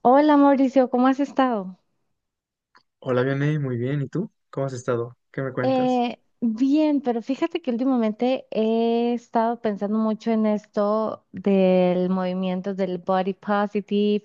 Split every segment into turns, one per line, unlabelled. Hola Mauricio, ¿cómo has estado?
Hola, Vianey, muy bien. ¿Y tú? ¿Cómo has estado? ¿Qué me cuentas?
Bien, pero fíjate que últimamente he estado pensando mucho en esto del movimiento del body positive,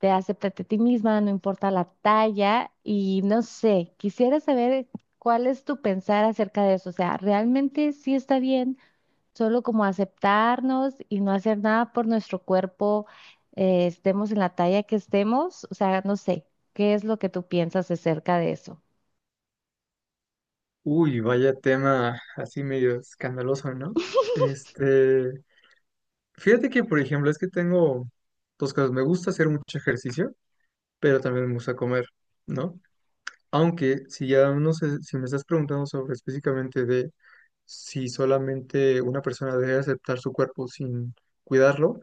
de acéptate a ti misma, no importa la talla, y no sé, quisiera saber cuál es tu pensar acerca de eso. O sea, ¿realmente sí está bien solo como aceptarnos y no hacer nada por nuestro cuerpo, estemos en la talla que estemos? O sea, no sé, ¿qué es lo que tú piensas acerca de eso?
Uy, vaya tema así medio escandaloso, ¿no? Este, fíjate que, por ejemplo, es que tengo dos cosas. Me gusta hacer mucho ejercicio, pero también me gusta comer, ¿no? Aunque si ya no sé, si me estás preguntando sobre específicamente de si solamente una persona debe aceptar su cuerpo sin cuidarlo,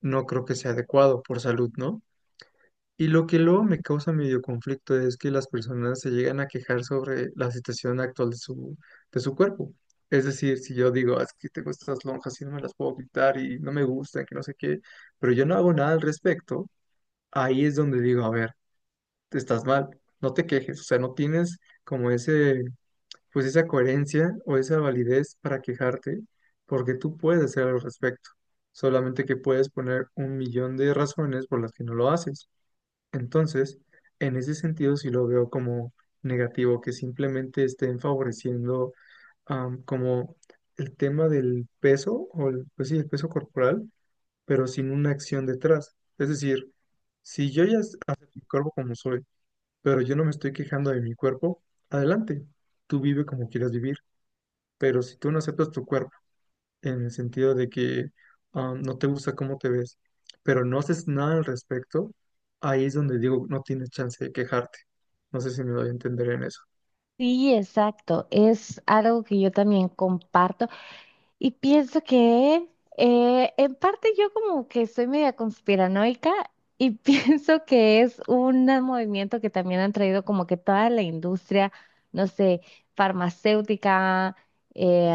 no creo que sea adecuado por salud, ¿no? Y lo que luego me causa medio conflicto es que las personas se llegan a quejar sobre la situación actual de de su cuerpo. Es decir, si yo digo, "Ah, es que tengo estas lonjas y no me las puedo quitar y no me gustan, que no sé qué, pero yo no hago nada al respecto, ahí es donde digo, a ver, estás mal, no te quejes, o sea, no tienes como ese, pues esa coherencia o esa validez para quejarte, porque tú puedes hacer algo al respecto, solamente que puedes poner un millón de razones por las que no lo haces". Entonces, en ese sentido sí lo veo como negativo, que simplemente estén favoreciendo como el tema del peso, o el, pues sí, el peso corporal, pero sin una acción detrás. Es decir, si yo ya acepto mi cuerpo como soy, pero yo no me estoy quejando de mi cuerpo, adelante, tú vive como quieras vivir, pero si tú no aceptas tu cuerpo, en el sentido de que no te gusta cómo te ves, pero no haces nada al respecto, ahí es donde digo, no tienes chance de quejarte. No sé si me doy a entender en eso.
Sí, exacto. Es algo que yo también comparto. Y pienso que en parte yo como que soy media conspiranoica y pienso que es un movimiento que también han traído como que toda la industria, no sé, farmacéutica, eh,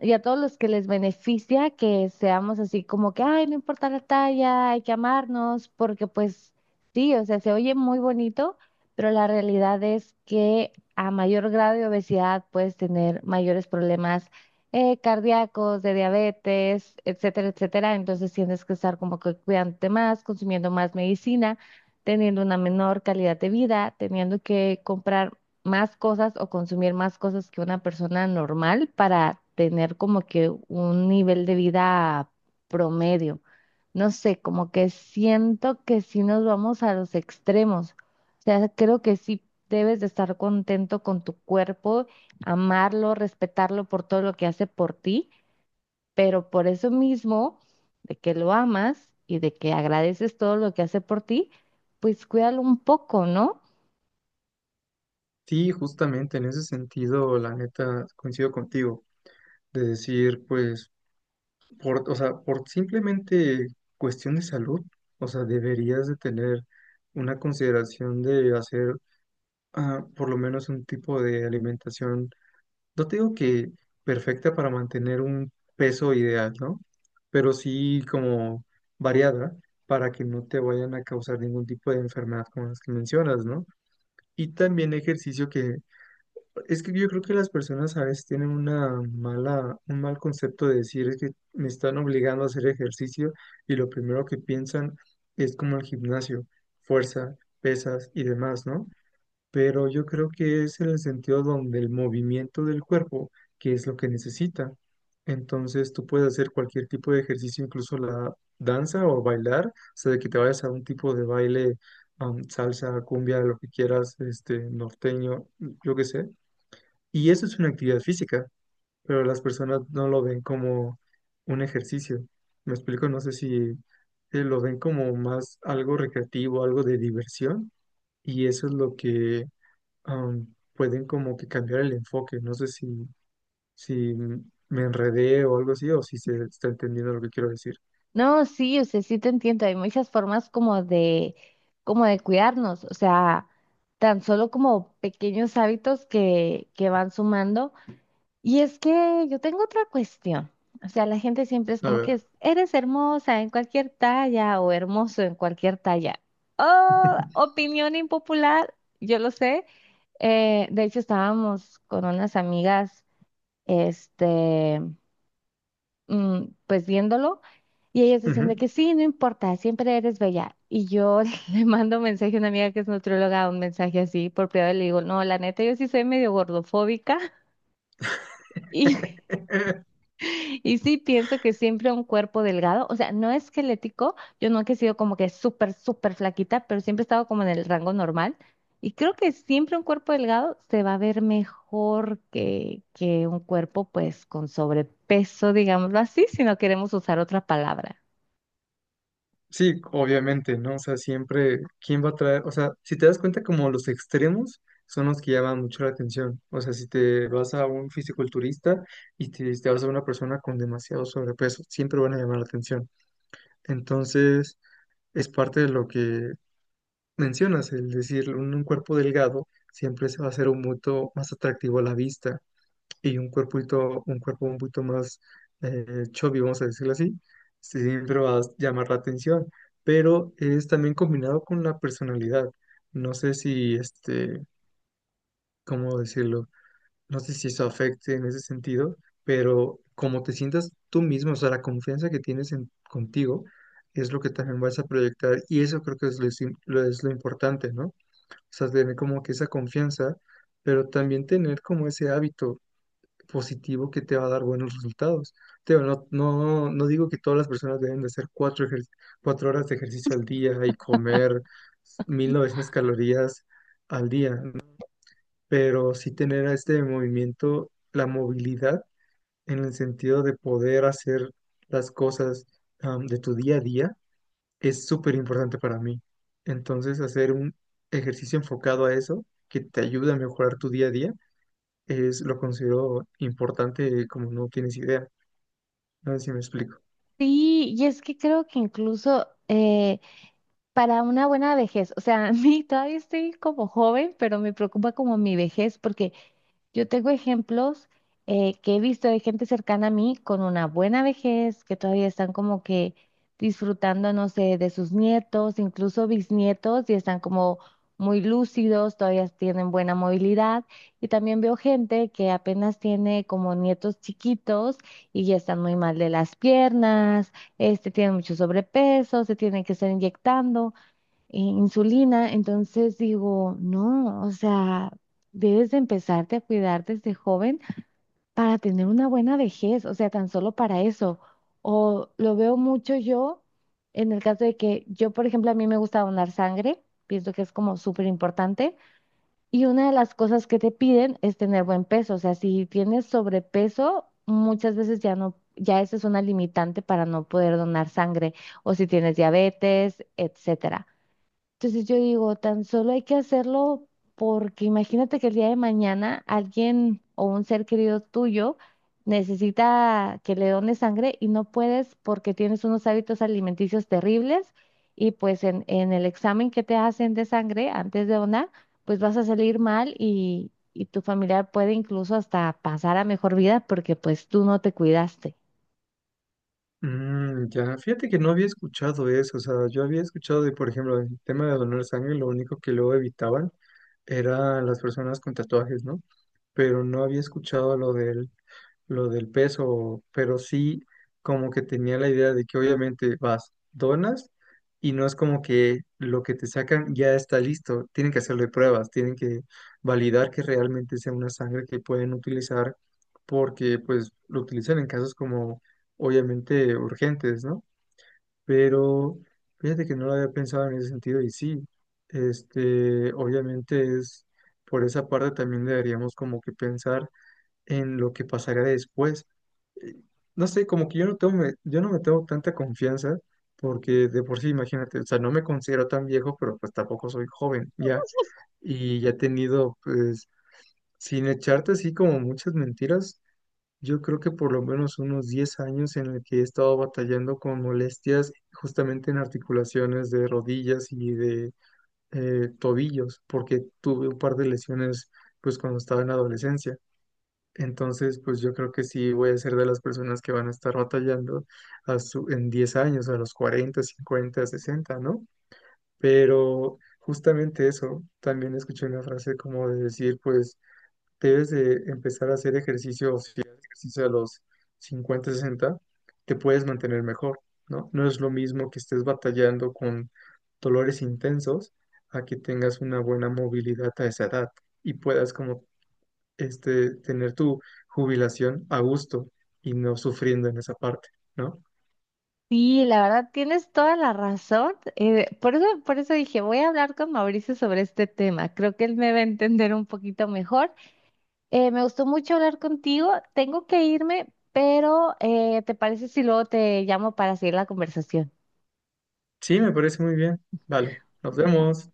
y a todos los que les beneficia que seamos así como que, ay, no importa la talla, hay que amarnos, porque pues sí, o sea, se oye muy bonito, pero la realidad es que a mayor grado de obesidad puedes tener mayores problemas cardíacos, de diabetes, etcétera, etcétera. Entonces tienes que estar como que cuidándote más, consumiendo más medicina, teniendo una menor calidad de vida, teniendo que comprar más cosas o consumir más cosas que una persona normal para tener como que un nivel de vida promedio. No sé, como que siento que sí nos vamos a los extremos. O sea, creo que sí debes de estar contento con tu cuerpo, amarlo, respetarlo por todo lo que hace por ti, pero por eso mismo, de que lo amas y de que agradeces todo lo que hace por ti, pues cuídalo un poco, ¿no?
Sí, justamente en ese sentido, la neta, coincido contigo, de decir, pues, por, o sea, por simplemente cuestión de salud, o sea, deberías de tener una consideración de hacer por lo menos un tipo de alimentación. No te digo que perfecta para mantener un peso ideal, ¿no? Pero sí como variada para que no te vayan a causar ningún tipo de enfermedad como las que mencionas, ¿no? Y también ejercicio que es que yo creo que las personas a veces tienen una mala, un mal concepto de decir es que me están obligando a hacer ejercicio y lo primero que piensan es como el gimnasio, fuerza, pesas y demás, ¿no? Pero yo creo que es en el sentido donde el movimiento del cuerpo, que es lo que necesita. Entonces tú puedes hacer cualquier tipo de ejercicio, incluso la danza o bailar, o sea, de que te vayas a un tipo de baile, salsa, cumbia, lo que quieras, norteño, yo qué sé. Y eso es una actividad física, pero las personas no lo ven como un ejercicio. Me explico, no sé si lo ven como más algo recreativo, algo de diversión, y eso es lo que pueden como que cambiar el enfoque. No sé si me enredé o algo así, o si se está entendiendo lo que quiero decir.
No, sí, o sea, sí te entiendo, hay muchas formas como de cuidarnos, o sea, tan solo como pequeños hábitos que van sumando. Y es que yo tengo otra cuestión. O sea, la gente siempre es
A
como que
ver.
es, eres hermosa en cualquier talla o hermoso en cualquier talla. Oh, opinión impopular, yo lo sé. De hecho, estábamos con unas amigas, este, pues viéndolo, y ellas decían de
Ujú.
que sí, no importa, siempre eres bella. Y yo le mando un mensaje a una amiga que es nutrióloga, un mensaje así por privado, y le digo, no, la neta, yo sí soy medio gordofóbica. y. Y sí, pienso que siempre un cuerpo delgado, o sea, no esquelético, yo nunca he sido como que súper, súper flaquita, pero siempre he estado como en el rango normal. Y creo que siempre un cuerpo delgado se va a ver mejor que un cuerpo pues con sobrepeso, digámoslo así, si no queremos usar otra palabra.
Sí, obviamente, ¿no? O sea, siempre, ¿quién va a traer? O sea, si te das cuenta, como los extremos son los que llaman mucho la atención. O sea, si te vas a un fisiculturista y te, si te vas a una persona con demasiado sobrepeso, siempre van a llamar la atención. Entonces, es parte de lo que mencionas, el decir, un cuerpo delgado siempre se va a hacer un mucho más atractivo a la vista y un cuerpito, un cuerpo un poquito más eh, chubby, vamos a decirlo así, sí, siempre va a llamar la atención, pero es también combinado con la personalidad. No sé si, ¿cómo decirlo? No sé si eso afecte en ese sentido, pero como te sientas tú mismo, o sea, la confianza que tienes en, contigo es lo que también vas a proyectar y eso creo que es es lo importante, ¿no? Sea, tener como que esa confianza, pero también tener como ese hábito positivo que te va a dar buenos resultados. Te digo, no, no, no digo que todas las personas deben de hacer cuatro horas de ejercicio al día y comer 1900 calorías al día, ¿no? Pero sí tener a este movimiento, la movilidad en el sentido de poder hacer las cosas, de tu día a día es súper importante para mí. Entonces, hacer un ejercicio enfocado a eso, que te ayude a mejorar tu día a día, es lo considero importante como no tienes idea. No sé si me explico.
Sí, y es que creo que incluso para una buena vejez, o sea, a mí todavía estoy como joven, pero me preocupa como mi vejez, porque yo tengo ejemplos que he visto de gente cercana a mí con una buena vejez, que todavía están como que disfrutando, no sé, de sus nietos, incluso bisnietos, y están como muy lúcidos, todavía tienen buena movilidad. Y también veo gente que apenas tiene como nietos chiquitos y ya están muy mal de las piernas, este, tienen mucho sobrepeso, se tienen que estar inyectando insulina. Entonces digo, no, o sea, debes de empezarte a cuidar desde joven para tener una buena vejez, o sea, tan solo para eso. O lo veo mucho yo en el caso de que yo, por ejemplo, a mí me gusta donar sangre, pienso que es como súper importante. Y una de las cosas que te piden es tener buen peso, o sea, si tienes sobrepeso, muchas veces ya no. Ya esa es una limitante para no poder donar sangre, o si tienes diabetes, etcétera. Entonces yo digo, tan solo hay que hacerlo porque imagínate que el día de mañana alguien o un ser querido tuyo necesita que le dones sangre y no puedes porque tienes unos hábitos alimenticios terribles y pues en el examen que te hacen de sangre antes de donar, pues vas a salir mal y tu familiar puede incluso hasta pasar a mejor vida porque pues tú no te cuidaste.
Ya, fíjate que no había escuchado eso. O sea, yo había escuchado de, por ejemplo, el tema de donar sangre, lo único que luego evitaban eran las personas con tatuajes, ¿no? Pero no había escuchado lo del peso, pero sí como que tenía la idea de que obviamente vas, donas y no es como que lo que te sacan ya está listo, tienen que hacerle pruebas, tienen que validar que realmente sea una sangre que pueden utilizar porque pues lo utilizan en casos como obviamente urgentes, ¿no? Pero fíjate que no lo había pensado en ese sentido y sí, obviamente es por esa parte también deberíamos como que pensar en lo que pasaría después, no sé, como que yo no tengo, yo no me tengo tanta confianza, porque de por sí, imagínate, o sea, no me considero tan viejo, pero pues tampoco soy joven, ya, y ya he tenido, pues, sin echarte así como muchas mentiras, yo creo que por lo menos unos 10 años en el que he estado batallando con molestias justamente en articulaciones de rodillas y de tobillos, porque tuve un par de lesiones, pues, cuando estaba en la adolescencia. Entonces, pues yo creo que sí voy a ser de las personas que van a estar batallando a en 10 años, a los 40, 50, 60, ¿no? Pero justamente eso, también escuché una frase como de decir, pues debes de empezar a hacer ejercicio, o si haces ejercicio a los 50, 60 te puedes mantener mejor, ¿no? No es lo mismo que estés batallando con dolores intensos a que tengas una buena movilidad a esa edad y puedas como tener tu jubilación a gusto y no sufriendo en esa parte, ¿no?
Sí, la verdad, tienes toda la razón. Por eso, por eso dije, voy a hablar con Mauricio sobre este tema. Creo que él me va a entender un poquito mejor. Me gustó mucho hablar contigo. Tengo que irme, pero ¿te parece si luego te llamo para seguir la conversación?
Sí, me parece muy bien. Vale, nos vemos.